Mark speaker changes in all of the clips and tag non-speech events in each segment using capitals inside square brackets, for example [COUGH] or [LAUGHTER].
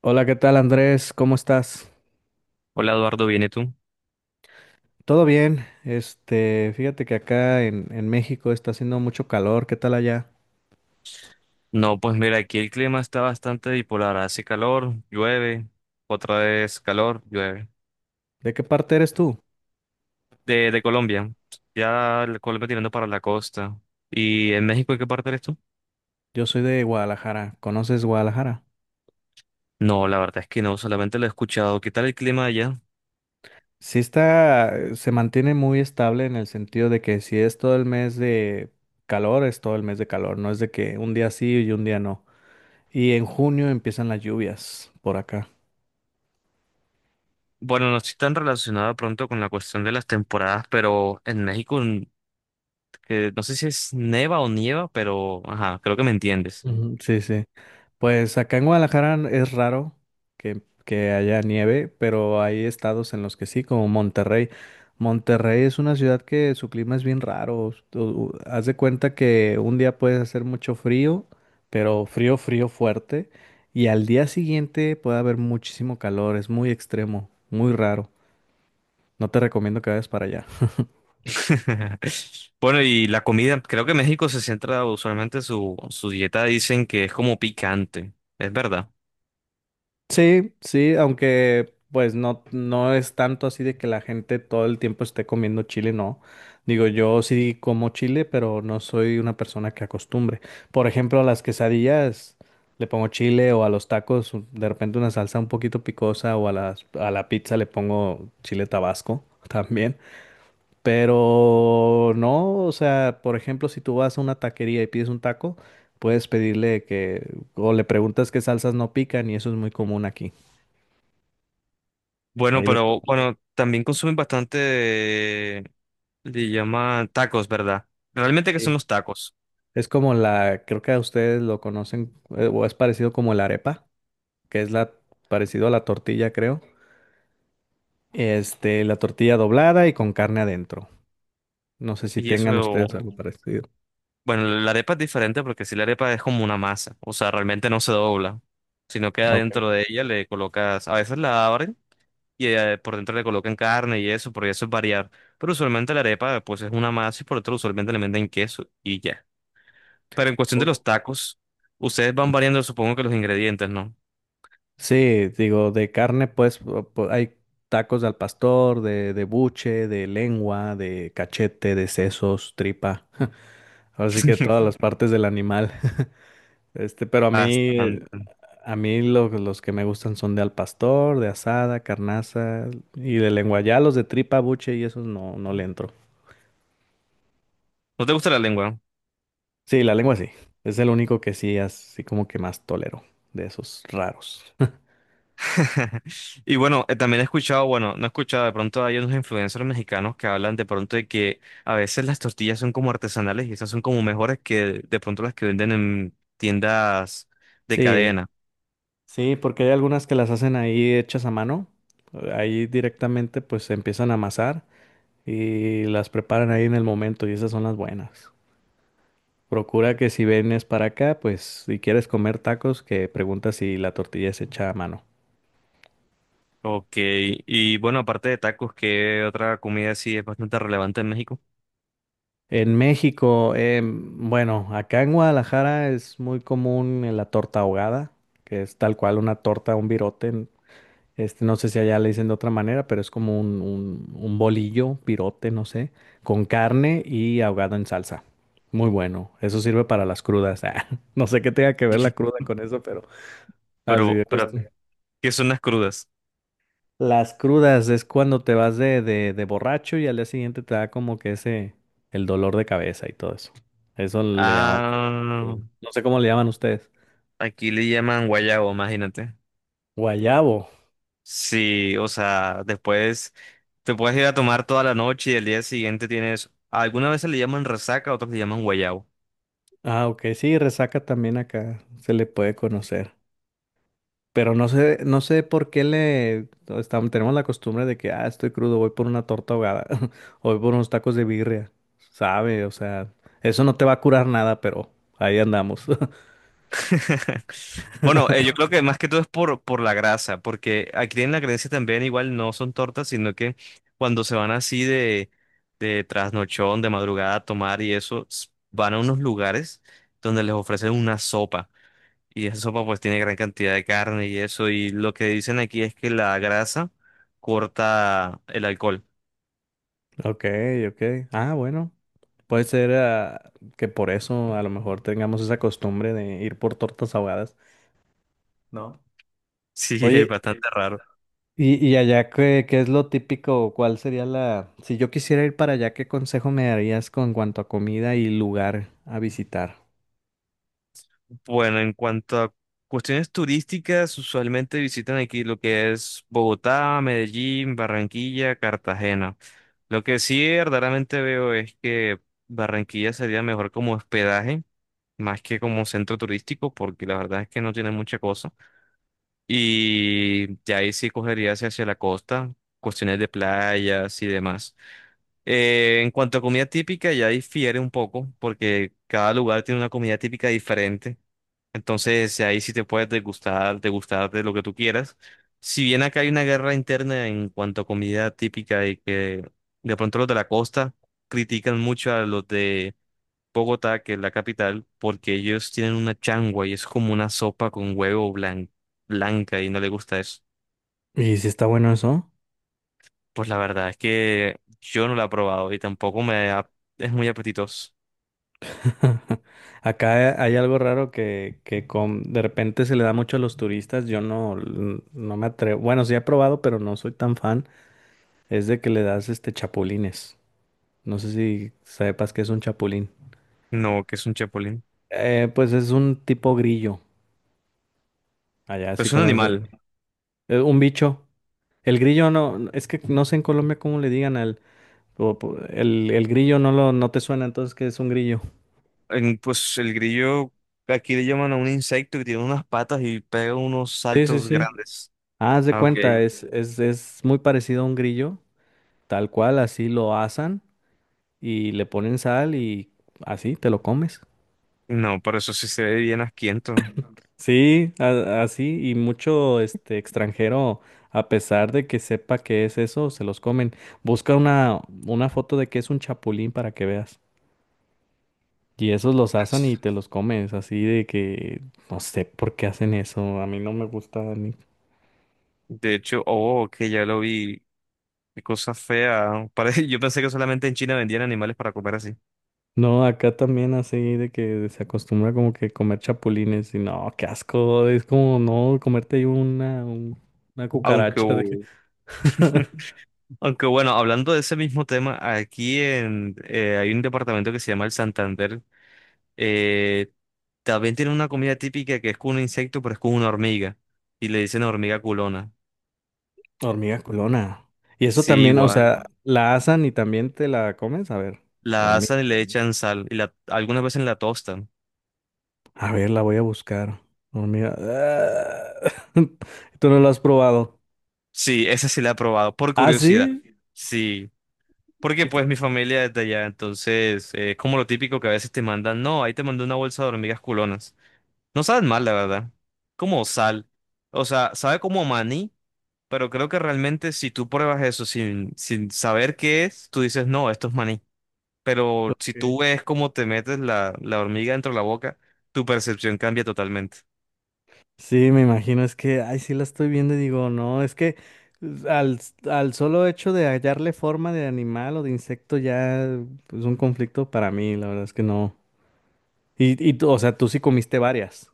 Speaker 1: Hola, ¿qué tal Andrés? ¿Cómo estás?
Speaker 2: Hola Eduardo, ¿viene tú?
Speaker 1: ¿Todo bien? Fíjate que acá en México está haciendo mucho calor. ¿Qué tal allá?
Speaker 2: No, pues mira, aquí el clima está bastante bipolar. Hace calor, llueve, otra vez calor, llueve.
Speaker 1: ¿De qué parte eres tú?
Speaker 2: De Colombia, ya la Colombia tirando para la costa. ¿Y en México en qué parte eres tú?
Speaker 1: Yo soy de Guadalajara. ¿Conoces Guadalajara?
Speaker 2: No, la verdad es que no, solamente lo he escuchado. ¿Qué tal el clima allá?
Speaker 1: Sí está, se mantiene muy estable en el sentido de que si es todo el mes de calor, es todo el mes de calor. No es de que un día sí y un día no. Y en junio empiezan las lluvias por acá.
Speaker 2: Bueno, no estoy tan relacionado pronto con la cuestión de las temporadas, pero en México, que no sé si es neva o nieva, pero ajá, creo que me entiendes.
Speaker 1: Ujú. Sí, sí. Pues acá en Guadalajara es raro que haya nieve, pero hay estados en los que sí, como Monterrey. Monterrey es una ciudad que su clima es bien raro. Tú haz de cuenta que un día puedes hacer mucho frío, pero frío, frío fuerte, y al día siguiente puede haber muchísimo calor. Es muy extremo, muy raro. No te recomiendo que vayas para allá.
Speaker 2: [LAUGHS] Bueno, y la comida, creo que México se centra usualmente su dieta, dicen que es como picante, es verdad.
Speaker 1: Sí, sí, aunque pues no, no es tanto así de que la gente todo el tiempo esté comiendo chile, no. Digo, yo sí como chile, pero no soy una persona que acostumbre. Por ejemplo, a las quesadillas le pongo chile, o a los tacos de repente una salsa un poquito picosa, o a la pizza le pongo chile tabasco [LAUGHS] también. Pero no, o sea, por ejemplo, si tú vas a una taquería y pides un taco, puedes pedirle que, o le preguntas qué salsas no pican, y eso es muy común aquí.
Speaker 2: Bueno,
Speaker 1: Hay de todo.
Speaker 2: pero bueno, también consumen bastante, le llaman tacos, ¿verdad? Realmente, ¿qué son
Speaker 1: Sí.
Speaker 2: los tacos?
Speaker 1: Es como la, creo que a ustedes lo conocen, o es parecido como la arepa, que es la, parecido a la tortilla, creo. La tortilla doblada y con carne adentro. No sé si
Speaker 2: Y
Speaker 1: tengan ustedes
Speaker 2: eso,
Speaker 1: algo parecido.
Speaker 2: bueno, la arepa es diferente porque si la arepa es como una masa, o sea, realmente no se dobla, sino que
Speaker 1: Ok.
Speaker 2: adentro de ella le colocas, a veces la abren y por dentro le colocan carne y eso, porque eso es variar, pero usualmente la arepa pues es una masa y por dentro usualmente le meten queso y ya. Pero en cuestión de los
Speaker 1: O-
Speaker 2: tacos, ustedes van variando supongo que los ingredientes, ¿no?
Speaker 1: Sí, digo, de carne, pues, hay tacos al pastor, de buche, de lengua, de cachete, de sesos, tripa. [LAUGHS] Así que todas las
Speaker 2: [LAUGHS]
Speaker 1: partes del animal. Pero
Speaker 2: Bastante.
Speaker 1: a mí los que me gustan son de al pastor, de asada, carnaza y de lengua. Ya los de tripa, buche y esos no, no le entro.
Speaker 2: ¿No te gusta la lengua?
Speaker 1: Sí, la lengua sí. Es el único que sí, así como que más tolero de esos raros. [LAUGHS]
Speaker 2: [LAUGHS] Y bueno, también he escuchado, bueno, no he escuchado, de pronto hay unos influencers mexicanos que hablan de pronto de que a veces las tortillas son como artesanales y esas son como mejores que de pronto las que venden en tiendas de
Speaker 1: Sí,
Speaker 2: cadena.
Speaker 1: sí, porque hay algunas que las hacen ahí hechas a mano. Ahí directamente pues se empiezan a amasar y las preparan ahí en el momento, y esas son las buenas. Procura que si vienes para acá, pues si quieres comer tacos, que preguntas si la tortilla es hecha a mano.
Speaker 2: Ok, y bueno, aparte de tacos, ¿qué otra comida sí es bastante relevante en México?
Speaker 1: En México, bueno, acá en Guadalajara es muy común la torta ahogada, que es tal cual una torta, un virote. No sé si allá le dicen de otra manera, pero es como un bolillo, virote, no sé, con carne y ahogado en salsa. Muy bueno. Eso sirve para las crudas. [LAUGHS] Ah, no sé qué tenga que ver la cruda con eso, pero así
Speaker 2: Pero,
Speaker 1: de
Speaker 2: pero,
Speaker 1: costumbre.
Speaker 2: ¿Qué son las crudas?
Speaker 1: Las crudas es cuando te vas de borracho, y al día siguiente te da como que ese, el dolor de cabeza y todo eso. Eso le llamamos
Speaker 2: Ah,
Speaker 1: cruda. No sé cómo le llaman ustedes.
Speaker 2: aquí le llaman guayabo, imagínate.
Speaker 1: Guayabo.
Speaker 2: Sí, o sea, después te puedes ir a tomar toda la noche y el día siguiente tienes, algunas veces le llaman resaca, otros le llaman guayabo.
Speaker 1: Ah, ok, sí, resaca también acá se le puede conocer. Pero no sé, no sé por qué le estamos, tenemos la costumbre de que, ah, estoy crudo, voy por una torta ahogada, [LAUGHS] o voy por unos tacos de birria. Sabe, o sea, eso no te va a curar nada, pero ahí andamos. [LAUGHS]
Speaker 2: [LAUGHS] Bueno, yo creo que más que todo es por la grasa, porque aquí en la creencia también igual no son tortas, sino que cuando se van así de trasnochón, de madrugada a tomar y eso, van a unos lugares donde les ofrecen una sopa. Y esa sopa pues tiene gran cantidad de carne y eso, y lo que dicen aquí es que la grasa corta el alcohol.
Speaker 1: Ok, ok. Ah, bueno. Puede ser, ah, que por eso a lo mejor tengamos esa costumbre de ir por tortas ahogadas, ¿no?
Speaker 2: Sí, [LAUGHS] es
Speaker 1: Oye,
Speaker 2: bastante raro.
Speaker 1: y allá ¿qué, qué es lo típico? O ¿cuál sería la...? Si yo quisiera ir para allá, ¿qué consejo me darías con cuanto a comida y lugar a visitar?
Speaker 2: Bueno, en cuanto a cuestiones turísticas, usualmente visitan aquí lo que es Bogotá, Medellín, Barranquilla, Cartagena. Lo que sí verdaderamente veo es que Barranquilla sería mejor como hospedaje, más que como centro turístico, porque la verdad es que no tiene mucha cosa. Y de ahí sí cogería hacia la costa, cuestiones de playas y demás. En cuanto a comida típica, ya difiere un poco, porque cada lugar tiene una comida típica diferente. Entonces, ahí sí te puedes degustar, degustar de lo que tú quieras. Si bien acá hay una guerra interna en cuanto a comida típica y que de pronto los de la costa critican mucho a los de Bogotá, que es la capital, porque ellos tienen una changua y es como una sopa con huevo blanca y no les gusta eso.
Speaker 1: ¿Y si está bueno eso?
Speaker 2: Pues la verdad es que yo no la he probado y tampoco es muy apetitoso.
Speaker 1: [LAUGHS] Acá hay algo raro que, de repente se le da mucho a los turistas. Yo no, no me atrevo. Bueno, sí he probado, pero no soy tan fan. Es de que le das este chapulines. No sé si sepas que es un chapulín.
Speaker 2: No, que es un chapulín?
Speaker 1: Pues es un tipo grillo. Allá
Speaker 2: Pues
Speaker 1: sí
Speaker 2: es un
Speaker 1: conoce.
Speaker 2: animal.
Speaker 1: Un bicho. El grillo no, es que no sé en Colombia cómo le digan al, el grillo no lo, no te suena, entonces que es un grillo.
Speaker 2: Pues el grillo, aquí le llaman a un insecto que tiene unas patas y pega unos
Speaker 1: Sí, sí,
Speaker 2: saltos
Speaker 1: sí.
Speaker 2: grandes.
Speaker 1: Ah, haz de
Speaker 2: Ah, ok.
Speaker 1: cuenta, es muy parecido a un grillo, tal cual, así lo asan y le ponen sal, y así te lo comes.
Speaker 2: No, pero eso sí se ve bien asquiento.
Speaker 1: Sí, así, y mucho este extranjero, a pesar de que sepa que es eso, se los comen. Busca una foto de que es un chapulín para que veas. Y esos los asan y te los comes, así de que no sé por qué hacen eso, a mí no me gusta ni.
Speaker 2: De hecho, oh, que ya lo vi. Qué cosa fea. [LAUGHS] Parece, yo pensé que solamente en China vendían animales para comer así.
Speaker 1: No, acá también así de que se acostumbra como que comer chapulines, y no, qué asco, es como no comerte una, una
Speaker 2: Aunque,
Speaker 1: cucaracha de que
Speaker 2: oh, [LAUGHS]
Speaker 1: [LAUGHS]
Speaker 2: aunque bueno, hablando de ese mismo tema, hay un departamento que se llama el Santander. Eh, También tiene una comida típica que es con un insecto, pero es con una hormiga. Y le dicen hormiga culona.
Speaker 1: hormiga culona. Y eso
Speaker 2: Sí,
Speaker 1: también, o
Speaker 2: igual.
Speaker 1: sea, la asan y también te la comes. A ver,
Speaker 2: La
Speaker 1: hormiga.
Speaker 2: asan y le echan sal. Y la, algunas veces la tostan.
Speaker 1: A ver, la voy a buscar. Hormiga. Ah, [LAUGHS] tú no lo has probado.
Speaker 2: Sí, esa sí la he probado, por
Speaker 1: ¿Ah,
Speaker 2: curiosidad.
Speaker 1: sí?
Speaker 2: Sí. Porque
Speaker 1: ¿Y qué-
Speaker 2: pues mi familia es de allá, entonces es como lo típico que a veces te mandan. No, ahí te mandé una bolsa de hormigas culonas. No saben mal, la verdad. Como sal. O sea, sabe como a maní, pero creo que realmente si tú pruebas eso sin saber qué es, tú dices, no, esto es maní. Pero si
Speaker 1: qué?
Speaker 2: tú ves cómo te metes la hormiga dentro de la boca, tu percepción cambia totalmente.
Speaker 1: Sí, me imagino. Es que, ay, sí la estoy viendo y digo, no, es que pues, al, al solo hecho de hallarle forma de animal o de insecto ya es un conflicto para mí. La verdad es que no. Y tú, o sea, tú sí comiste varias.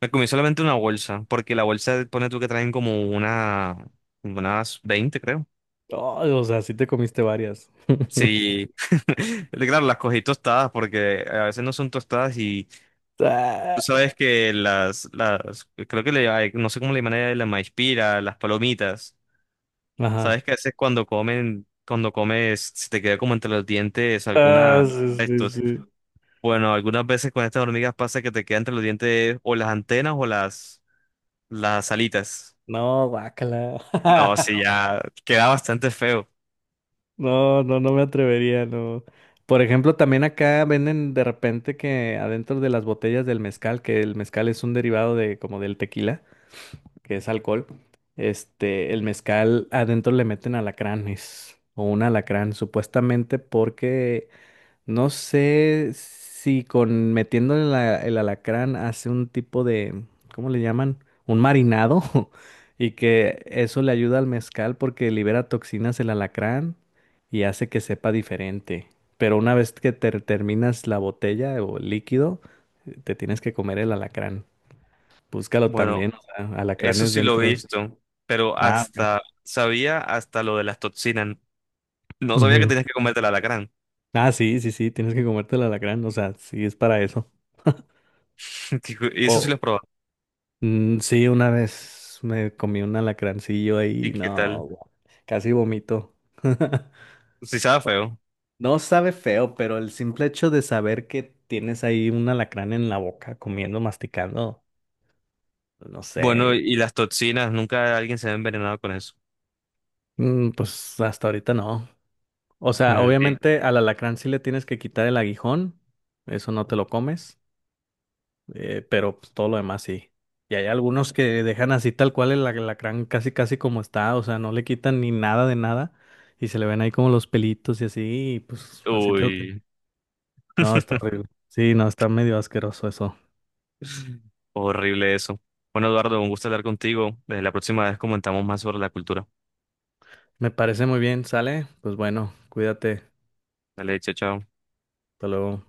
Speaker 2: Me comí solamente una bolsa, porque la bolsa pone tú que traen como una, unas 20 creo.
Speaker 1: Oh, o sea, sí te comiste varias.
Speaker 2: Sí, [LAUGHS] claro, las cogí tostadas porque a veces no son tostadas y tú
Speaker 1: [LAUGHS]
Speaker 2: sabes que creo que le, ay, no sé cómo le llaman de la maíz pira, las palomitas,
Speaker 1: Ajá.
Speaker 2: sabes que a veces cuando comen, cuando comes, se te queda como entre los dientes
Speaker 1: Ah,
Speaker 2: alguna,
Speaker 1: sí, sí,
Speaker 2: esto,
Speaker 1: sí.
Speaker 2: bueno, algunas veces con estas hormigas pasa que te queda entre los dientes o las antenas o las alitas.
Speaker 1: No, guácala.
Speaker 2: No, sí,
Speaker 1: [LAUGHS]
Speaker 2: ya queda bastante feo.
Speaker 1: No, no, no me atrevería, no. Por ejemplo, también acá venden de repente que adentro de las botellas del mezcal, que el mezcal es un derivado de como del tequila, que es alcohol, el mezcal adentro le meten alacranes, o un alacrán, supuestamente porque no sé si con metiéndole el alacrán hace un tipo de, ¿cómo le llaman? Un marinado, [LAUGHS] y que eso le ayuda al mezcal porque libera toxinas el alacrán y hace que sepa diferente. Pero una vez que te terminas la botella o el líquido, te tienes que comer el alacrán. Búscalo
Speaker 2: Bueno,
Speaker 1: también, o sea,
Speaker 2: eso
Speaker 1: alacranes
Speaker 2: sí lo he
Speaker 1: dentro.
Speaker 2: visto, pero
Speaker 1: Ah, ok.
Speaker 2: hasta sabía hasta lo de las toxinas. No sabía que
Speaker 1: Ujú.
Speaker 2: tenías que comerte el alacrán.
Speaker 1: Ah, sí, sí, sí, tienes que comerte el alacrán, o sea, sí es para eso.
Speaker 2: [LAUGHS] Y eso sí
Speaker 1: O
Speaker 2: lo he probado.
Speaker 1: mm, sí, una vez me comí un alacrancillo ahí,
Speaker 2: ¿Y qué
Speaker 1: no,
Speaker 2: tal?
Speaker 1: casi vomito. [LAUGHS]
Speaker 2: Sí sabe feo.
Speaker 1: No sabe feo, pero el simple hecho de saber que tienes ahí un alacrán en la boca, comiendo, masticando, no sé,
Speaker 2: Bueno, y las toxinas, ¿nunca alguien se ha envenenado con eso?
Speaker 1: mm, pues hasta ahorita no. O sea,
Speaker 2: Sí.
Speaker 1: obviamente al alacrán sí le tienes que quitar el aguijón, eso no te lo comes. Pero pues, todo lo demás sí. Y hay algunos que dejan así tal cual el alacrán casi casi como está, o sea, no le quitan ni nada de nada, y se le ven ahí como los pelitos y así, y pues así te lo...
Speaker 2: Uy,
Speaker 1: No, está horrible. Sí, no, está medio asqueroso eso.
Speaker 2: [LAUGHS] horrible eso. Bueno, Eduardo, un gusto hablar contigo. La próxima vez comentamos más sobre la cultura.
Speaker 1: Me parece muy bien, ¿sale? Pues bueno, cuídate.
Speaker 2: Dale, chao, chao.
Speaker 1: Hasta luego.